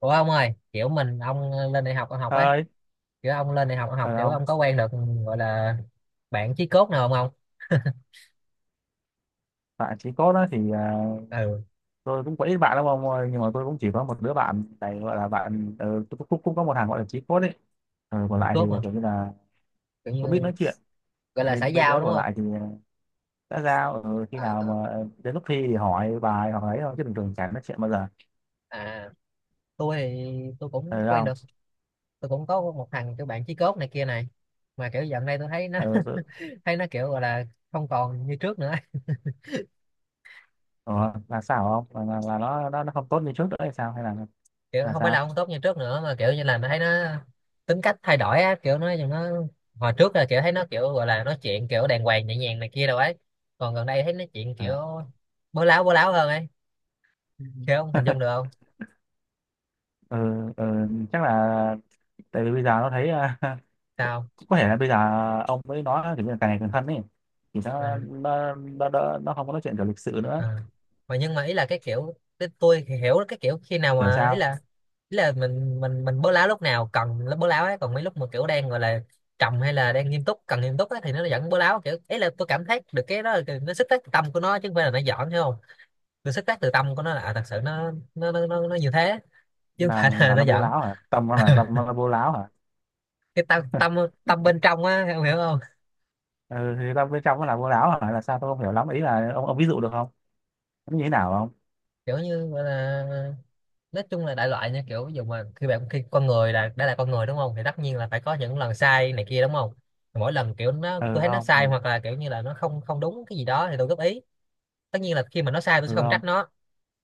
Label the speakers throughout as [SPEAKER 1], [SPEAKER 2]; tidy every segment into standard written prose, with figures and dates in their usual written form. [SPEAKER 1] Ủa ông ơi, kiểu mình ông lên đại học ông học ấy,
[SPEAKER 2] Ơi,
[SPEAKER 1] kiểu ông lên đại học ông học,
[SPEAKER 2] phải
[SPEAKER 1] kiểu
[SPEAKER 2] không?
[SPEAKER 1] ông có quen được gọi là bạn chí cốt nào không ông?
[SPEAKER 2] Bạn chỉ cốt đó thì
[SPEAKER 1] Ừ,
[SPEAKER 2] tôi cũng có ít bạn lắm ông ơi, nhưng mà tôi cũng chỉ có một đứa bạn này gọi là bạn tôi cũng, cũng cũng có một thằng gọi là chí cốt ấy. Còn
[SPEAKER 1] chí
[SPEAKER 2] lại
[SPEAKER 1] cốt
[SPEAKER 2] thì
[SPEAKER 1] mà,
[SPEAKER 2] kiểu như là
[SPEAKER 1] kiểu như
[SPEAKER 2] cũng biết nói chuyện.
[SPEAKER 1] gọi là
[SPEAKER 2] Mấy
[SPEAKER 1] xã
[SPEAKER 2] mấy
[SPEAKER 1] giao
[SPEAKER 2] đứa
[SPEAKER 1] đúng
[SPEAKER 2] còn
[SPEAKER 1] không?
[SPEAKER 2] lại thì đã giao khi
[SPEAKER 1] À,
[SPEAKER 2] nào
[SPEAKER 1] à,
[SPEAKER 2] mà đến lúc thi thì hỏi bài hoặc ấy thôi chứ bình thường chẳng nói chuyện bao giờ.
[SPEAKER 1] à, tôi thì tôi cũng
[SPEAKER 2] Ờ
[SPEAKER 1] quen
[SPEAKER 2] không?
[SPEAKER 1] được, tôi cũng có một thằng kiểu bạn chí cốt này kia này, mà kiểu dạo này tôi thấy nó
[SPEAKER 2] Ờ, tôi,
[SPEAKER 1] thấy nó kiểu gọi là không còn như trước nữa.
[SPEAKER 2] ờ, là sao không? Là nó, nó không tốt như trước nữa hay sao hay
[SPEAKER 1] Kiểu
[SPEAKER 2] là
[SPEAKER 1] không phải
[SPEAKER 2] sao?
[SPEAKER 1] là không tốt như trước nữa mà kiểu như là mình thấy nó tính cách thay đổi á, kiểu nó hồi trước là kiểu thấy nó kiểu gọi là nói chuyện kiểu đàng hoàng nhẹ nhàng này kia đâu ấy, còn gần đây thấy nói chuyện kiểu
[SPEAKER 2] À.
[SPEAKER 1] bố láo, bố láo hơn ấy. Ừ, kiểu không hình dung được không
[SPEAKER 2] Ừ, ừ, chắc là tại vì bây giờ nó thấy à,
[SPEAKER 1] sao.
[SPEAKER 2] có thể là bây giờ ông mới nói kiểu như là càng ngày càng thân ấy thì
[SPEAKER 1] Ờ,
[SPEAKER 2] nó không có nói chuyện kiểu lịch sự nữa.
[SPEAKER 1] ờ, mà nhưng mà ý là cái kiểu, cái tôi thì hiểu cái kiểu khi nào
[SPEAKER 2] Kiểu
[SPEAKER 1] mà
[SPEAKER 2] sao,
[SPEAKER 1] ý là mình bố láo lúc nào cần bố láo ấy, còn mấy lúc mà kiểu đang gọi là trầm hay là đang nghiêm túc cần nghiêm túc ấy, thì nó vẫn bố láo, kiểu ý là tôi cảm thấy được cái đó là cái- nó sức tác tâm của nó chứ không phải là nó giỡn, hiểu không. Tôi xuất phát từ tâm của nó là à, thật sự nó như thế chứ không phải là
[SPEAKER 2] là
[SPEAKER 1] nó
[SPEAKER 2] nó bố
[SPEAKER 1] giận.
[SPEAKER 2] láo hả, tâm nó là bố láo hả?
[SPEAKER 1] Cái tâm tâm tâm bên trong á em hiểu không.
[SPEAKER 2] Ừ, thì tâm bên trong nó là bố láo hả, là sao tôi không hiểu lắm, ý là ông ví dụ được không, nó như thế nào không?
[SPEAKER 1] Kiểu như gọi là nói chung là đại loại nha, kiểu ví dụ mà khi bạn, khi con người là đã là con người đúng không thì tất nhiên là phải có những lần sai này kia đúng không. Thì mỗi lần kiểu nó tôi
[SPEAKER 2] Ừ
[SPEAKER 1] thấy nó
[SPEAKER 2] không, ừ,
[SPEAKER 1] sai hoặc là kiểu như là nó không không đúng cái gì đó thì tôi góp ý. Tất nhiên là khi mà nó sai tôi
[SPEAKER 2] ừ
[SPEAKER 1] sẽ không
[SPEAKER 2] không,
[SPEAKER 1] trách nó,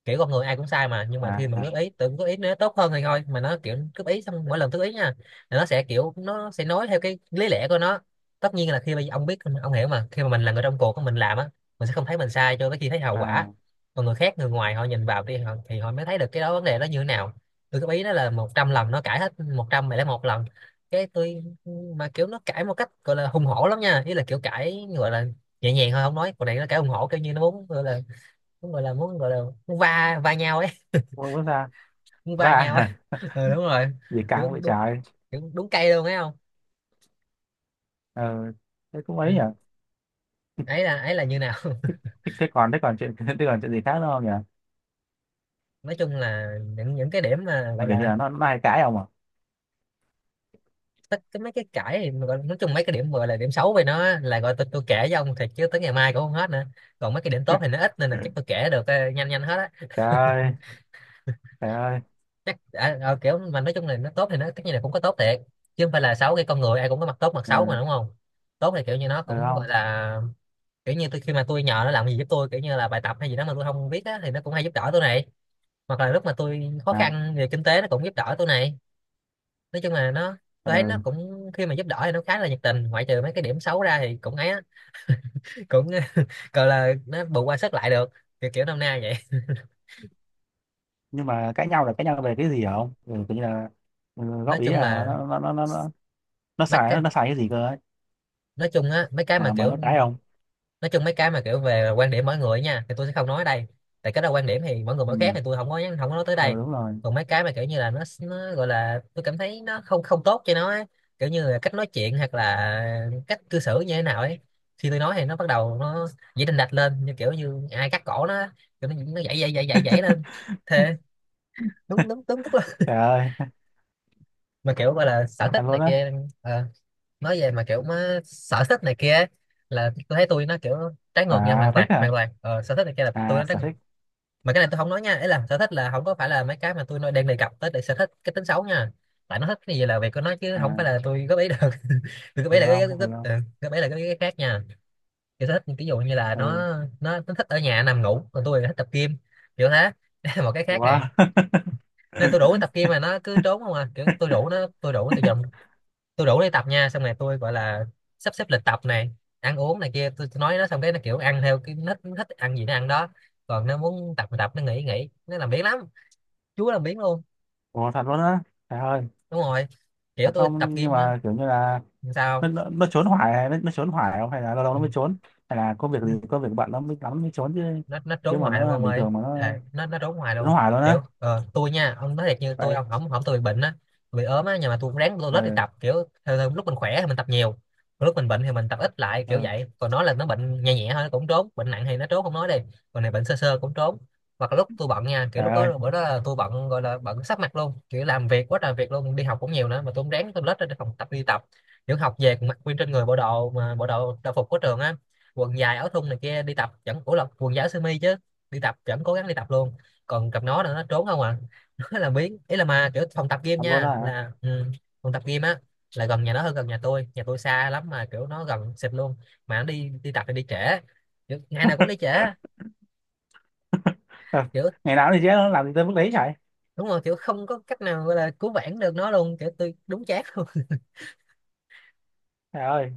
[SPEAKER 1] kiểu con người ai cũng sai mà, nhưng mà khi mà
[SPEAKER 2] à,
[SPEAKER 1] góp ý tự góp ý nó tốt hơn thì thôi, mà nó kiểu góp ý xong mỗi lần góp ý nha là nó sẽ kiểu nó sẽ nói theo cái lý lẽ của nó. Tất nhiên là khi mà ông biết ông hiểu mà khi mà mình là người trong cuộc mình làm á, mình sẽ không thấy mình sai cho tới khi thấy hậu quả.
[SPEAKER 2] à
[SPEAKER 1] Còn người khác, người ngoài họ nhìn vào đi họ, thì họ mới thấy được cái đó vấn đề đó như thế nào. Tôi góp ý nó là 100 lần nó cãi hết 100, mày lấy một lần cái tôi, mà kiểu nó cãi một cách gọi là hùng hổ lắm nha, ý là kiểu cãi gọi là nhẹ nhàng thôi không nói, còn này nó cãi hùng hổ kiểu như nó muốn gọi là muốn gọi là muốn gọi là muốn va va nhau ấy.
[SPEAKER 2] không bước ra
[SPEAKER 1] Muốn va
[SPEAKER 2] và
[SPEAKER 1] nhau ấy. Ừ, đúng rồi.
[SPEAKER 2] gì
[SPEAKER 1] kiểu
[SPEAKER 2] căng vậy
[SPEAKER 1] đúng
[SPEAKER 2] trời.
[SPEAKER 1] Kiểu đúng cây luôn ấy không.
[SPEAKER 2] Ừ, thế cũng ấy
[SPEAKER 1] Ừ.
[SPEAKER 2] nhỉ.
[SPEAKER 1] Ấy là ấy là như nào.
[SPEAKER 2] Thế, thế còn chuyện thế còn chuyện gì khác nữa không nhỉ,
[SPEAKER 1] Nói chung là những cái điểm mà
[SPEAKER 2] là
[SPEAKER 1] gọi
[SPEAKER 2] kiểu như
[SPEAKER 1] là
[SPEAKER 2] là nó hay cãi ông à?
[SPEAKER 1] tất cái mấy cái cãi thì mà gọi, nói chung mấy cái điểm gọi là điểm xấu về nó là gọi tôi kể với ông thiệt chứ tới ngày mai cũng không hết nữa. Còn mấy cái điểm tốt thì nó ít nên là chắc tôi kể được ờ, nhanh nhanh hết á.
[SPEAKER 2] Trời ơi, trời ơi.
[SPEAKER 1] Chắc à, ờ, kiểu mà nói chung là nó tốt thì nó tất nhiên là cũng có tốt thiệt chứ không phải là xấu, cái con người ai cũng có mặt tốt mặt xấu mà
[SPEAKER 2] Ừ,
[SPEAKER 1] đúng không. Tốt thì kiểu như nó
[SPEAKER 2] ừ
[SPEAKER 1] cũng
[SPEAKER 2] không,
[SPEAKER 1] gọi là kiểu như tôi khi mà tôi nhờ nó làm gì giúp tôi kiểu như là bài tập hay gì đó mà tôi không biết á thì nó cũng hay giúp đỡ tôi này, hoặc là lúc mà tôi khó
[SPEAKER 2] à,
[SPEAKER 1] khăn về kinh tế nó cũng giúp đỡ tôi này. Nói chung là nó, tôi thấy nó
[SPEAKER 2] ừ.
[SPEAKER 1] cũng khi mà giúp đỡ thì nó khá là nhiệt tình, ngoại trừ mấy cái điểm xấu ra thì cũng ấy á, cũng gọi là nó bù qua sức lại được, kiểu kiểu năm nay vậy.
[SPEAKER 2] Nhưng mà cãi nhau là cãi nhau về cái gì hả ông, ừ, tự nhiên là ừ,
[SPEAKER 1] Nói
[SPEAKER 2] góp ý
[SPEAKER 1] chung
[SPEAKER 2] là nó
[SPEAKER 1] là
[SPEAKER 2] nó nó nó nó, nó
[SPEAKER 1] mấy
[SPEAKER 2] xài
[SPEAKER 1] cái,
[SPEAKER 2] nó, nó xài cái gì cơ ấy,
[SPEAKER 1] nói chung á mấy cái mà
[SPEAKER 2] mà nó
[SPEAKER 1] kiểu,
[SPEAKER 2] cãi ông?
[SPEAKER 1] nói chung mấy cái mà kiểu về quan điểm mỗi người nha thì tôi sẽ không nói ở đây, tại cái đó quan điểm thì mỗi người mỗi khác
[SPEAKER 2] Ừ.
[SPEAKER 1] thì tôi không có nhắn không có nói tới đây.
[SPEAKER 2] Ừ đúng rồi.
[SPEAKER 1] Còn mấy cái mà kiểu như là nó gọi là tôi cảm thấy nó không không tốt cho nó ấy, kiểu như là cách nói chuyện hoặc là cách cư xử như thế nào ấy. Khi tôi nói thì nó bắt đầu dễ đình đạch lên như kiểu như ai cắt cổ nó, kiểu nó dậy dậy dậy dậy dậy lên thế. Đúng đúng đúng tức là
[SPEAKER 2] Trời ơi.
[SPEAKER 1] mà kiểu gọi là sở thích
[SPEAKER 2] Thật
[SPEAKER 1] này
[SPEAKER 2] luôn á.
[SPEAKER 1] kia. Ờ, nói về mà kiểu má sở thích này kia ấy, là tôi thấy tôi nó kiểu trái ngược nha,
[SPEAKER 2] Sở
[SPEAKER 1] hoàn
[SPEAKER 2] thích
[SPEAKER 1] toàn
[SPEAKER 2] hả,
[SPEAKER 1] hoàn toàn ờ, sở thích này kia là tôi
[SPEAKER 2] à
[SPEAKER 1] nó trái
[SPEAKER 2] sở
[SPEAKER 1] ngược.
[SPEAKER 2] thích,
[SPEAKER 1] Mà cái này tôi không nói nha, ấy là sở thích là không có phải là mấy cái mà tôi nói đang đề cập tới, để sở thích cái tính xấu nha, tại nó thích cái gì là việc của nó chứ không phải
[SPEAKER 2] à,
[SPEAKER 1] là tôi góp ý được. Tôi góp
[SPEAKER 2] ừ
[SPEAKER 1] ý là cái
[SPEAKER 2] không,
[SPEAKER 1] góp, góp,
[SPEAKER 2] ừ không,
[SPEAKER 1] ừ, góp ý là cái khác nha. Kiểu sở thích ví dụ như là nó
[SPEAKER 2] ừ
[SPEAKER 1] nó nó thích ở nhà nằm ngủ còn tôi thì thích tập gym, kiểu thế. Đây là một cái khác này.
[SPEAKER 2] quá.
[SPEAKER 1] Nên tôi rủ nó tập gym mà nó cứ trốn không à, kiểu tôi rủ nó từ giờ, tôi rủ đi tập nha, xong rồi tôi gọi là sắp xếp lịch tập này, ăn uống này kia tôi nói nó xong cái nó kiểu ăn theo cái nó thích ăn gì nó ăn đó, còn nó muốn tập thì tập, nó nghỉ thì nghỉ, nó làm biếng lắm, chúa làm biếng luôn.
[SPEAKER 2] Ủa thật luôn á. Trời ơi.
[SPEAKER 1] Đúng rồi, kiểu
[SPEAKER 2] Thật
[SPEAKER 1] tôi tập
[SPEAKER 2] không, nhưng
[SPEAKER 1] gym á.
[SPEAKER 2] mà kiểu như là
[SPEAKER 1] Làm
[SPEAKER 2] nó,
[SPEAKER 1] sao.
[SPEAKER 2] nó trốn hoài không, hay là lâu lâu nó mới trốn, hay là có việc
[SPEAKER 1] Ừ,
[SPEAKER 2] gì, có việc bận nó mới lắm mới trốn chứ?
[SPEAKER 1] nó trốn
[SPEAKER 2] Nhưng mà
[SPEAKER 1] hoài luôn
[SPEAKER 2] nó
[SPEAKER 1] ông
[SPEAKER 2] bình
[SPEAKER 1] ơi.
[SPEAKER 2] thường mà nó
[SPEAKER 1] Thề, nó trốn hoài
[SPEAKER 2] trốn
[SPEAKER 1] luôn.
[SPEAKER 2] hoài luôn á?
[SPEAKER 1] Kiểu ờ, tôi nha ông nói thiệt như tôi
[SPEAKER 2] Vậy,
[SPEAKER 1] ông không không tôi bị bệnh á, bị ốm á nhưng mà tôi cũng ráng tôi lết đi
[SPEAKER 2] ừ,
[SPEAKER 1] tập, kiểu theo, theo, lúc mình khỏe thì mình tập nhiều, còn lúc mình bệnh thì mình tập ít lại kiểu
[SPEAKER 2] ừ.
[SPEAKER 1] vậy, còn nó là nó bệnh nhẹ nhẹ thôi nó cũng trốn, bệnh nặng thì nó trốn không nói đi, còn này bệnh sơ sơ cũng trốn. Hoặc là lúc tôi bận nha, kiểu
[SPEAKER 2] Trời
[SPEAKER 1] lúc
[SPEAKER 2] ơi.
[SPEAKER 1] đó bữa đó là tôi bận gọi là bận sắp mặt luôn, kiểu làm việc quá trời việc luôn, đi học cũng nhiều nữa mà tôi cũng ráng tôi lết ra phòng tập đi tập, kiểu học về còn mặc nguyên trên người bộ đồ mà bộ đồ đồng phục của trường á, quần dài áo thun này kia đi tập, vẫn ủa là quần dài áo sơ mi chứ, đi tập vẫn cố gắng đi tập luôn. Còn cặp nó là nó trốn không à. Nó là biến ý là mà kiểu phòng tập gym
[SPEAKER 2] Thật luôn
[SPEAKER 1] nha
[SPEAKER 2] đó hả?
[SPEAKER 1] là ừ, phòng tập gym á là gần nhà nó hơn gần nhà tôi, nhà tôi xa lắm mà kiểu nó gần xịt luôn, mà nó đi đi tập thì đi trễ, kiểu, ngày nào cũng đi trễ
[SPEAKER 2] Ờ,
[SPEAKER 1] kiểu.
[SPEAKER 2] ngày nào thì chứ nó làm gì tới mức đấy, chạy
[SPEAKER 1] Đúng rồi, kiểu không có cách nào gọi là cứu vãn được nó luôn, kiểu tôi đúng chát luôn.
[SPEAKER 2] trời ơi.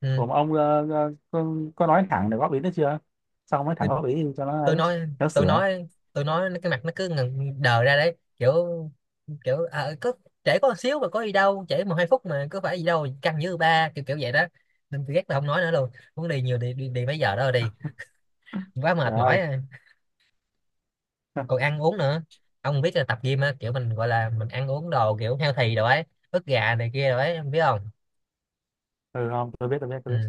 [SPEAKER 1] Ừ.
[SPEAKER 2] Cùng ông có nói thẳng để góp ý nữa chưa, xong mới thẳng
[SPEAKER 1] Tôi
[SPEAKER 2] góp ý cho nó
[SPEAKER 1] tôi
[SPEAKER 2] ấy
[SPEAKER 1] nói
[SPEAKER 2] nó sửa?
[SPEAKER 1] tôi nói cái mặt nó cứ ngần đờ ra đấy, kiểu kiểu à, có trễ có một xíu mà có gì đâu, trễ 1-2 phút mà có phải gì đâu, căng như ba kiểu kiểu vậy đó, nên tôi ghét là không nói nữa luôn, muốn đi nhiều đi đi, đi mấy giờ đó rồi đi, quá
[SPEAKER 2] Trời
[SPEAKER 1] mệt mỏi
[SPEAKER 2] ơi.
[SPEAKER 1] à. Còn ăn uống nữa, ông biết là tập gym á kiểu mình gọi là mình ăn uống đồ kiểu healthy đồ ấy, ức gà này kia rồi ấy em biết không.
[SPEAKER 2] Ừ không tôi biết tôi biết
[SPEAKER 1] Ừ.
[SPEAKER 2] tôi biết.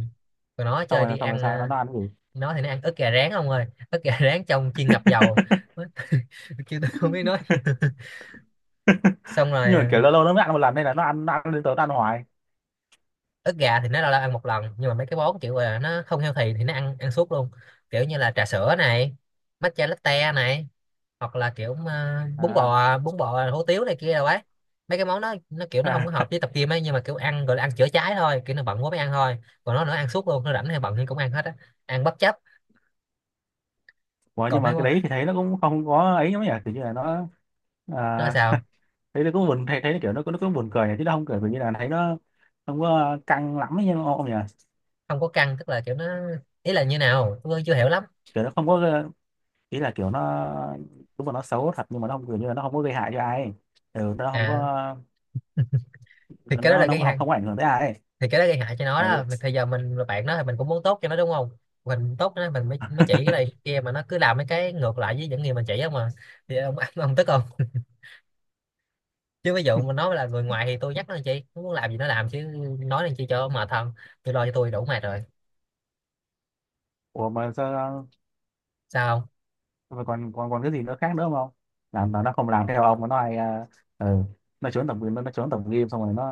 [SPEAKER 1] Còn nó
[SPEAKER 2] Xong
[SPEAKER 1] chơi đi
[SPEAKER 2] rồi, xong rồi
[SPEAKER 1] ăn
[SPEAKER 2] sao
[SPEAKER 1] à,
[SPEAKER 2] nó ăn cái gì?
[SPEAKER 1] nó thì nó ăn ức gà rán ông ơi, ức gà rán trong chiên ngập dầu kêu tôi không biết nói. Xong rồi
[SPEAKER 2] Nhưng mà kiểu
[SPEAKER 1] ờ,
[SPEAKER 2] lâu lâu nó mới ăn một lần nên là nó ăn, nó ăn lên tới nó ăn hoài
[SPEAKER 1] ức gà thì nó lâu lâu ăn một lần, nhưng mà mấy cái món kiểu là nó không healthy thì nó ăn ăn suốt luôn. Kiểu như là trà sữa này, matcha latte này, hoặc là kiểu bún
[SPEAKER 2] à.
[SPEAKER 1] bò hủ tiếu này kia đâu ấy. Mấy cái món đó nó kiểu nó không có hợp
[SPEAKER 2] À.
[SPEAKER 1] với tập gym ấy, nhưng mà kiểu ăn gọi là ăn chữa cháy thôi, kiểu nó bận quá mới ăn thôi. Còn nó ăn suốt luôn, nó rảnh hay bận thì cũng ăn hết á, ăn bất chấp.
[SPEAKER 2] Ủa, nhưng
[SPEAKER 1] Còn mấy
[SPEAKER 2] mà cái
[SPEAKER 1] món
[SPEAKER 2] đấy thì thấy nó cũng không có ấy lắm nhỉ, kiểu như là nó,
[SPEAKER 1] nó là
[SPEAKER 2] à,
[SPEAKER 1] sao,
[SPEAKER 2] thấy nó cũng buồn, thấy thấy nó kiểu nó cũng buồn cười nhỉ, chứ nó không cười vì như là thấy nó không có căng lắm ấy nhưng mà ông nhỉ.
[SPEAKER 1] không có căng tức là kiểu nó, ý là như nào tôi chưa hiểu lắm
[SPEAKER 2] Kiểu nó không có, ý là kiểu nó đúng là nó xấu thật nhưng mà nó không kiểu như là nó không có gây hại cho ai. Ừ, nó không
[SPEAKER 1] à.
[SPEAKER 2] có,
[SPEAKER 1] Thì cái đó
[SPEAKER 2] nó
[SPEAKER 1] là
[SPEAKER 2] nó
[SPEAKER 1] cái gì,
[SPEAKER 2] không, không có ảnh hưởng tới ai ấy.
[SPEAKER 1] thì cái đó gây hại cho nó
[SPEAKER 2] Ừ.
[SPEAKER 1] đó. Mà thời giờ mình là bạn nó thì mình cũng muốn tốt cho nó đúng không. Mình tốt cho nó mình mới chỉ cái này cái kia mà nó cứ làm mấy cái ngược lại với những gì mình chỉ không mà. Thì ông ông tức không, chứ ví dụ mình nói là người ngoài thì tôi nhắc nó làm chi, nó muốn làm gì nó làm chứ. Nói làm chi cho mệt thân, tôi lo cho tôi đủ mệt rồi.
[SPEAKER 2] Ủa mà sao,
[SPEAKER 1] Sao không.
[SPEAKER 2] mà còn còn còn cái gì nữa khác nữa không, làm mà nó không làm theo ông mà nó hay à, ừ, nó trốn tập, nó trốn tập game, xong rồi nó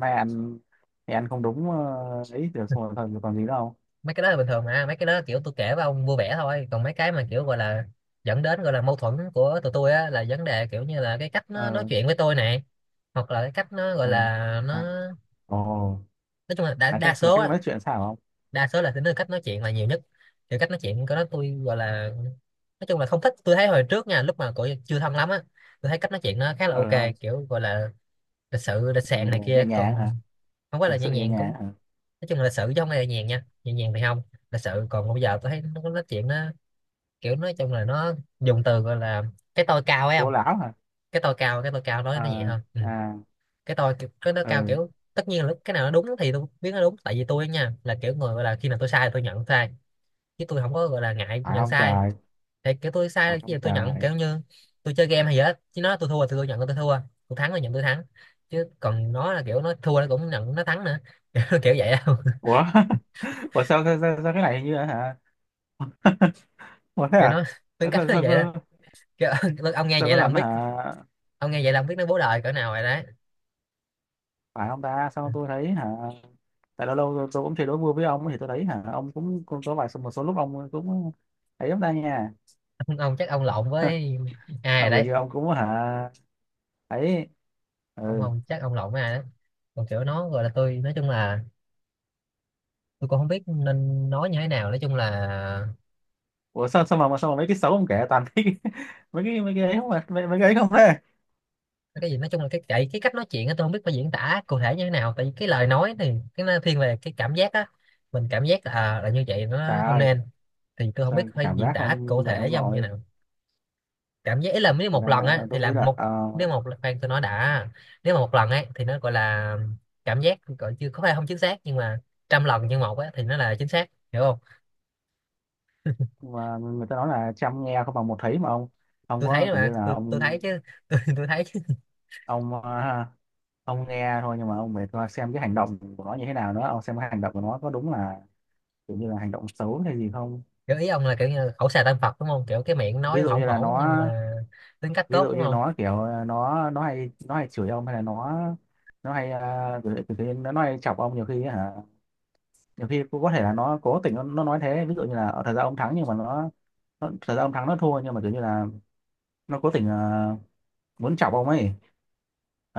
[SPEAKER 2] nay ăn thì ăn không đúng, ấy được, xong rồi thôi còn gì nữa không?
[SPEAKER 1] Mấy cái đó là bình thường mà, mấy cái đó kiểu tôi kể với ông vui vẻ thôi. Còn mấy cái mà kiểu gọi là dẫn đến gọi là mâu thuẫn của tụi tôi á, là vấn đề kiểu như là cái cách nó nói
[SPEAKER 2] Ờ,
[SPEAKER 1] chuyện với tôi này, hoặc là cái cách nó gọi
[SPEAKER 2] ờ,
[SPEAKER 1] là nó,
[SPEAKER 2] à, ồ,
[SPEAKER 1] nói chung là đa, đa
[SPEAKER 2] là
[SPEAKER 1] số
[SPEAKER 2] cách
[SPEAKER 1] á,
[SPEAKER 2] nói chuyện sao không?
[SPEAKER 1] đa số là tính đến cách nói chuyện là nhiều nhất. Kiểu cách nói chuyện của nó tôi gọi là, nói chung là không thích. Tôi thấy hồi trước nha, lúc mà cổ chưa thâm lắm á, tôi thấy cách nói chuyện nó khá là
[SPEAKER 2] Ờ
[SPEAKER 1] ok,
[SPEAKER 2] không.
[SPEAKER 1] kiểu gọi là lịch sự lịch sạn
[SPEAKER 2] Nhẹ,
[SPEAKER 1] này
[SPEAKER 2] nhẹ
[SPEAKER 1] kia.
[SPEAKER 2] nhàng hả?
[SPEAKER 1] Còn không phải
[SPEAKER 2] Thực
[SPEAKER 1] là nhẹ
[SPEAKER 2] sự nhẹ
[SPEAKER 1] nhàng
[SPEAKER 2] nhàng
[SPEAKER 1] cũng,
[SPEAKER 2] hả?
[SPEAKER 1] nói chung là lịch sự chứ không phải là nhẹ nhàng nha, nhẹ nhàng thì không, lịch sự. Còn bây giờ tôi thấy nó có nói chuyện nó kiểu, nói chung là nó dùng từ gọi là cái tôi cao ấy, không.
[SPEAKER 2] Cố lão hả?
[SPEAKER 1] Cái tôi cao, cái tôi cao nói nó nhẹ
[SPEAKER 2] Ờ,
[SPEAKER 1] hơn, ừ.
[SPEAKER 2] à,
[SPEAKER 1] Cái tôi kiểu- cái nó cao,
[SPEAKER 2] ừ.
[SPEAKER 1] kiểu tất nhiên là lúc cái nào nó đúng thì tôi biết nó đúng, tại vì tôi nha là kiểu người gọi là khi nào tôi sai thì tôi nhận sai, chứ tôi không có gọi là ngại
[SPEAKER 2] Phải
[SPEAKER 1] nhận
[SPEAKER 2] không
[SPEAKER 1] sai.
[SPEAKER 2] trời.
[SPEAKER 1] Thì kiểu tôi
[SPEAKER 2] Phải
[SPEAKER 1] sai cái
[SPEAKER 2] không
[SPEAKER 1] gì tôi nhận,
[SPEAKER 2] trời.
[SPEAKER 1] kiểu như tôi chơi game hay gì hết, chứ nó tôi thua thì tôi nhận là tôi thua, tôi thắng là nhận tôi thắng. Chứ còn nó là kiểu nó thua nó cũng nhận nó thắng nữa kiểu kiểu vậy đâu.
[SPEAKER 2] Ủa ủa sao cái này hình như là hả. Ủa thế
[SPEAKER 1] Kiểu
[SPEAKER 2] à?
[SPEAKER 1] nó, tính
[SPEAKER 2] sao
[SPEAKER 1] cách
[SPEAKER 2] sao
[SPEAKER 1] nó
[SPEAKER 2] sao,
[SPEAKER 1] vậy đó,
[SPEAKER 2] sao,
[SPEAKER 1] kiểu, ông nghe
[SPEAKER 2] sao
[SPEAKER 1] vậy
[SPEAKER 2] có
[SPEAKER 1] là ông
[SPEAKER 2] lần
[SPEAKER 1] biết,
[SPEAKER 2] hả?
[SPEAKER 1] ông nghe vậy là ông biết nó bố đời cỡ nào rồi đấy.
[SPEAKER 2] Phải không ta, sao tôi thấy hả, tại lâu lâu tôi cũng chơi đố vui với ông thì tôi thấy hả, ông cũng có vài một số lúc ông cũng thấy lắm ta nha.
[SPEAKER 1] Ông chắc ông lộn với ai
[SPEAKER 2] À,
[SPEAKER 1] rồi
[SPEAKER 2] vừa
[SPEAKER 1] đấy,
[SPEAKER 2] như ông cũng hả, ấy,
[SPEAKER 1] ông
[SPEAKER 2] ừ.
[SPEAKER 1] không chắc ông lộn với ai đấy. Còn kiểu nó gọi là, tôi nói chung là tôi cũng không biết nên nói như thế nào, nói chung là
[SPEAKER 2] Ủa sao sao mà mấy cái xấu ông kể toàn thấy cái- mấy cái ấy, không mà mấy, mấy cái ấy không thế.
[SPEAKER 1] cái gì, nói chung là cái cách nói chuyện á, tôi không biết phải diễn tả cụ thể như thế nào, tại vì cái lời nói thì cái nó thiên về cái cảm giác á. Mình cảm giác là là như vậy
[SPEAKER 2] Trời
[SPEAKER 1] nó không
[SPEAKER 2] ơi.
[SPEAKER 1] nên, thì tôi không biết
[SPEAKER 2] Sao
[SPEAKER 1] phải
[SPEAKER 2] cảm
[SPEAKER 1] diễn
[SPEAKER 2] giác
[SPEAKER 1] tả cụ
[SPEAKER 2] không vậy
[SPEAKER 1] thể
[SPEAKER 2] ông
[SPEAKER 1] giống như
[SPEAKER 2] nội?
[SPEAKER 1] nào. Cảm giác ý là nếu
[SPEAKER 2] Thật
[SPEAKER 1] một lần
[SPEAKER 2] ra
[SPEAKER 1] á thì
[SPEAKER 2] tôi
[SPEAKER 1] là
[SPEAKER 2] nghĩ là
[SPEAKER 1] một, nếu một lần- khoan tôi nói đã. Nếu mà một lần ấy thì nó gọi là cảm giác gọi chưa có phải không chính xác, nhưng mà trăm lần như một á thì nó là chính xác, hiểu không.
[SPEAKER 2] và người ta nói là chăm nghe không bằng một thấy mà ông
[SPEAKER 1] Tôi
[SPEAKER 2] có
[SPEAKER 1] thấy
[SPEAKER 2] kiểu
[SPEAKER 1] mà,
[SPEAKER 2] như là
[SPEAKER 1] tôi
[SPEAKER 2] ông
[SPEAKER 1] thấy chứ, tôi thấy chứ.
[SPEAKER 2] ông ông nghe thôi nhưng mà ông phải coi xem cái hành động của nó như thế nào nữa, ông xem cái hành động của nó có đúng là kiểu như là hành động xấu hay gì không.
[SPEAKER 1] Kiểu ý ông là kiểu như khẩu xà tâm Phật đúng không, kiểu cái miệng
[SPEAKER 2] Ví
[SPEAKER 1] nói
[SPEAKER 2] dụ
[SPEAKER 1] hổn
[SPEAKER 2] như là
[SPEAKER 1] hổn nhưng
[SPEAKER 2] nó,
[SPEAKER 1] mà tính cách
[SPEAKER 2] ví
[SPEAKER 1] tốt
[SPEAKER 2] dụ
[SPEAKER 1] đúng
[SPEAKER 2] như
[SPEAKER 1] không.
[SPEAKER 2] nó kiểu nó hay nó hay chửi ông, hay là nó hay à, kiểu, kiểu, kiểu, nó hay chọc ông nhiều khi hả? Nhiều khi cũng có thể là nó cố tình nó nói thế, ví dụ như là ở thời gian ông thắng nhưng mà nó thời gian ông thắng nó thua nhưng mà kiểu như là nó cố tình muốn chọc ông ấy,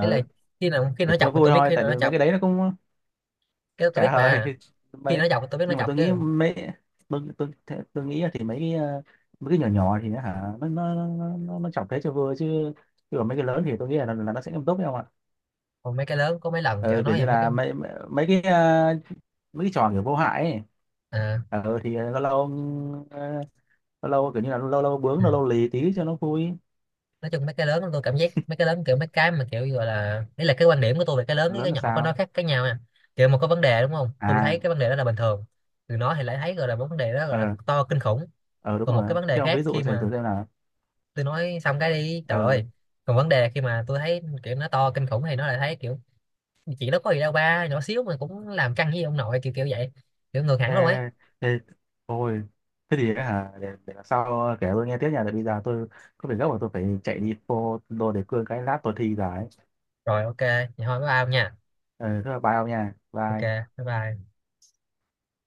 [SPEAKER 1] Đấy là khi nào, khi
[SPEAKER 2] để
[SPEAKER 1] nó
[SPEAKER 2] cho
[SPEAKER 1] chọc thì
[SPEAKER 2] vui
[SPEAKER 1] tôi biết,
[SPEAKER 2] thôi,
[SPEAKER 1] khi
[SPEAKER 2] tại
[SPEAKER 1] nào nó
[SPEAKER 2] vì mấy cái
[SPEAKER 1] chọc
[SPEAKER 2] đấy nó cũng
[SPEAKER 1] cái đó tôi biết
[SPEAKER 2] trả lời.
[SPEAKER 1] mà, khi
[SPEAKER 2] Mấy,
[SPEAKER 1] nó chọc thì tôi biết nó
[SPEAKER 2] nhưng mà
[SPEAKER 1] chọc
[SPEAKER 2] tôi nghĩ
[SPEAKER 1] chứ.
[SPEAKER 2] mấy, tôi nghĩ là thì mấy cái mấy cái nhỏ nhỏ thì nó hả nó chọc thế cho vui chứ, chứ còn mấy cái lớn thì tôi nghĩ là nó sẽ nghiêm túc đấy không ạ.
[SPEAKER 1] Còn mấy cái lớn, có mấy lần kiểu
[SPEAKER 2] Ừ, kiểu
[SPEAKER 1] nói
[SPEAKER 2] như
[SPEAKER 1] về mấy cái,
[SPEAKER 2] là mấy mấy mấy cái mấy cái trò kiểu vô hại ấy.
[SPEAKER 1] à,
[SPEAKER 2] Ừ, thì lâu lâu, ờ, lâu lâu kiểu như là lâu lâu bướng
[SPEAKER 1] ừ.
[SPEAKER 2] lâu lâu lì tí cho nó vui.
[SPEAKER 1] Nói chung mấy cái lớn, tôi cảm giác mấy cái lớn kiểu mấy cái mà kiểu gọi là, đấy là cái quan điểm của tôi về cái lớn với
[SPEAKER 2] Lớn
[SPEAKER 1] cái
[SPEAKER 2] là
[SPEAKER 1] nhỏ có nó
[SPEAKER 2] sao?
[SPEAKER 1] khác cái nhau nha. Kiểu mà có vấn đề đúng không, tôi
[SPEAKER 2] À,
[SPEAKER 1] thấy cái vấn đề đó là bình thường, từ nó thì lại thấy gọi là vấn đề đó gọi là
[SPEAKER 2] ờ,
[SPEAKER 1] to kinh khủng.
[SPEAKER 2] ờ đúng
[SPEAKER 1] Còn một cái
[SPEAKER 2] rồi,
[SPEAKER 1] vấn đề
[SPEAKER 2] thế ông
[SPEAKER 1] khác
[SPEAKER 2] ví dụ
[SPEAKER 1] khi
[SPEAKER 2] xem
[SPEAKER 1] mà
[SPEAKER 2] thử xem nào.
[SPEAKER 1] tôi nói xong cái đi trời
[SPEAKER 2] Ờ.
[SPEAKER 1] ơi. Còn vấn đề khi mà tôi thấy kiểu nó to kinh khủng thì nó lại thấy kiểu chuyện đó có gì đâu ba, nhỏ xíu mà cũng làm căng với ông nội, kiểu kiểu vậy, kiểu ngược hẳn luôn ấy.
[SPEAKER 2] Ê, ê, ôi, thế thì ấy hả, để lần sau kể tôi nghe tiếp nha, tại bây giờ tôi có việc gấp và tôi phải chạy đi phô đồ đề cương cái lát tôi thi rồi ấy.
[SPEAKER 1] Rồi ok vậy thôi, bye bye ông nha.
[SPEAKER 2] Ừ, thế là bye ông nha,
[SPEAKER 1] Ok,
[SPEAKER 2] bye.
[SPEAKER 1] bye bye.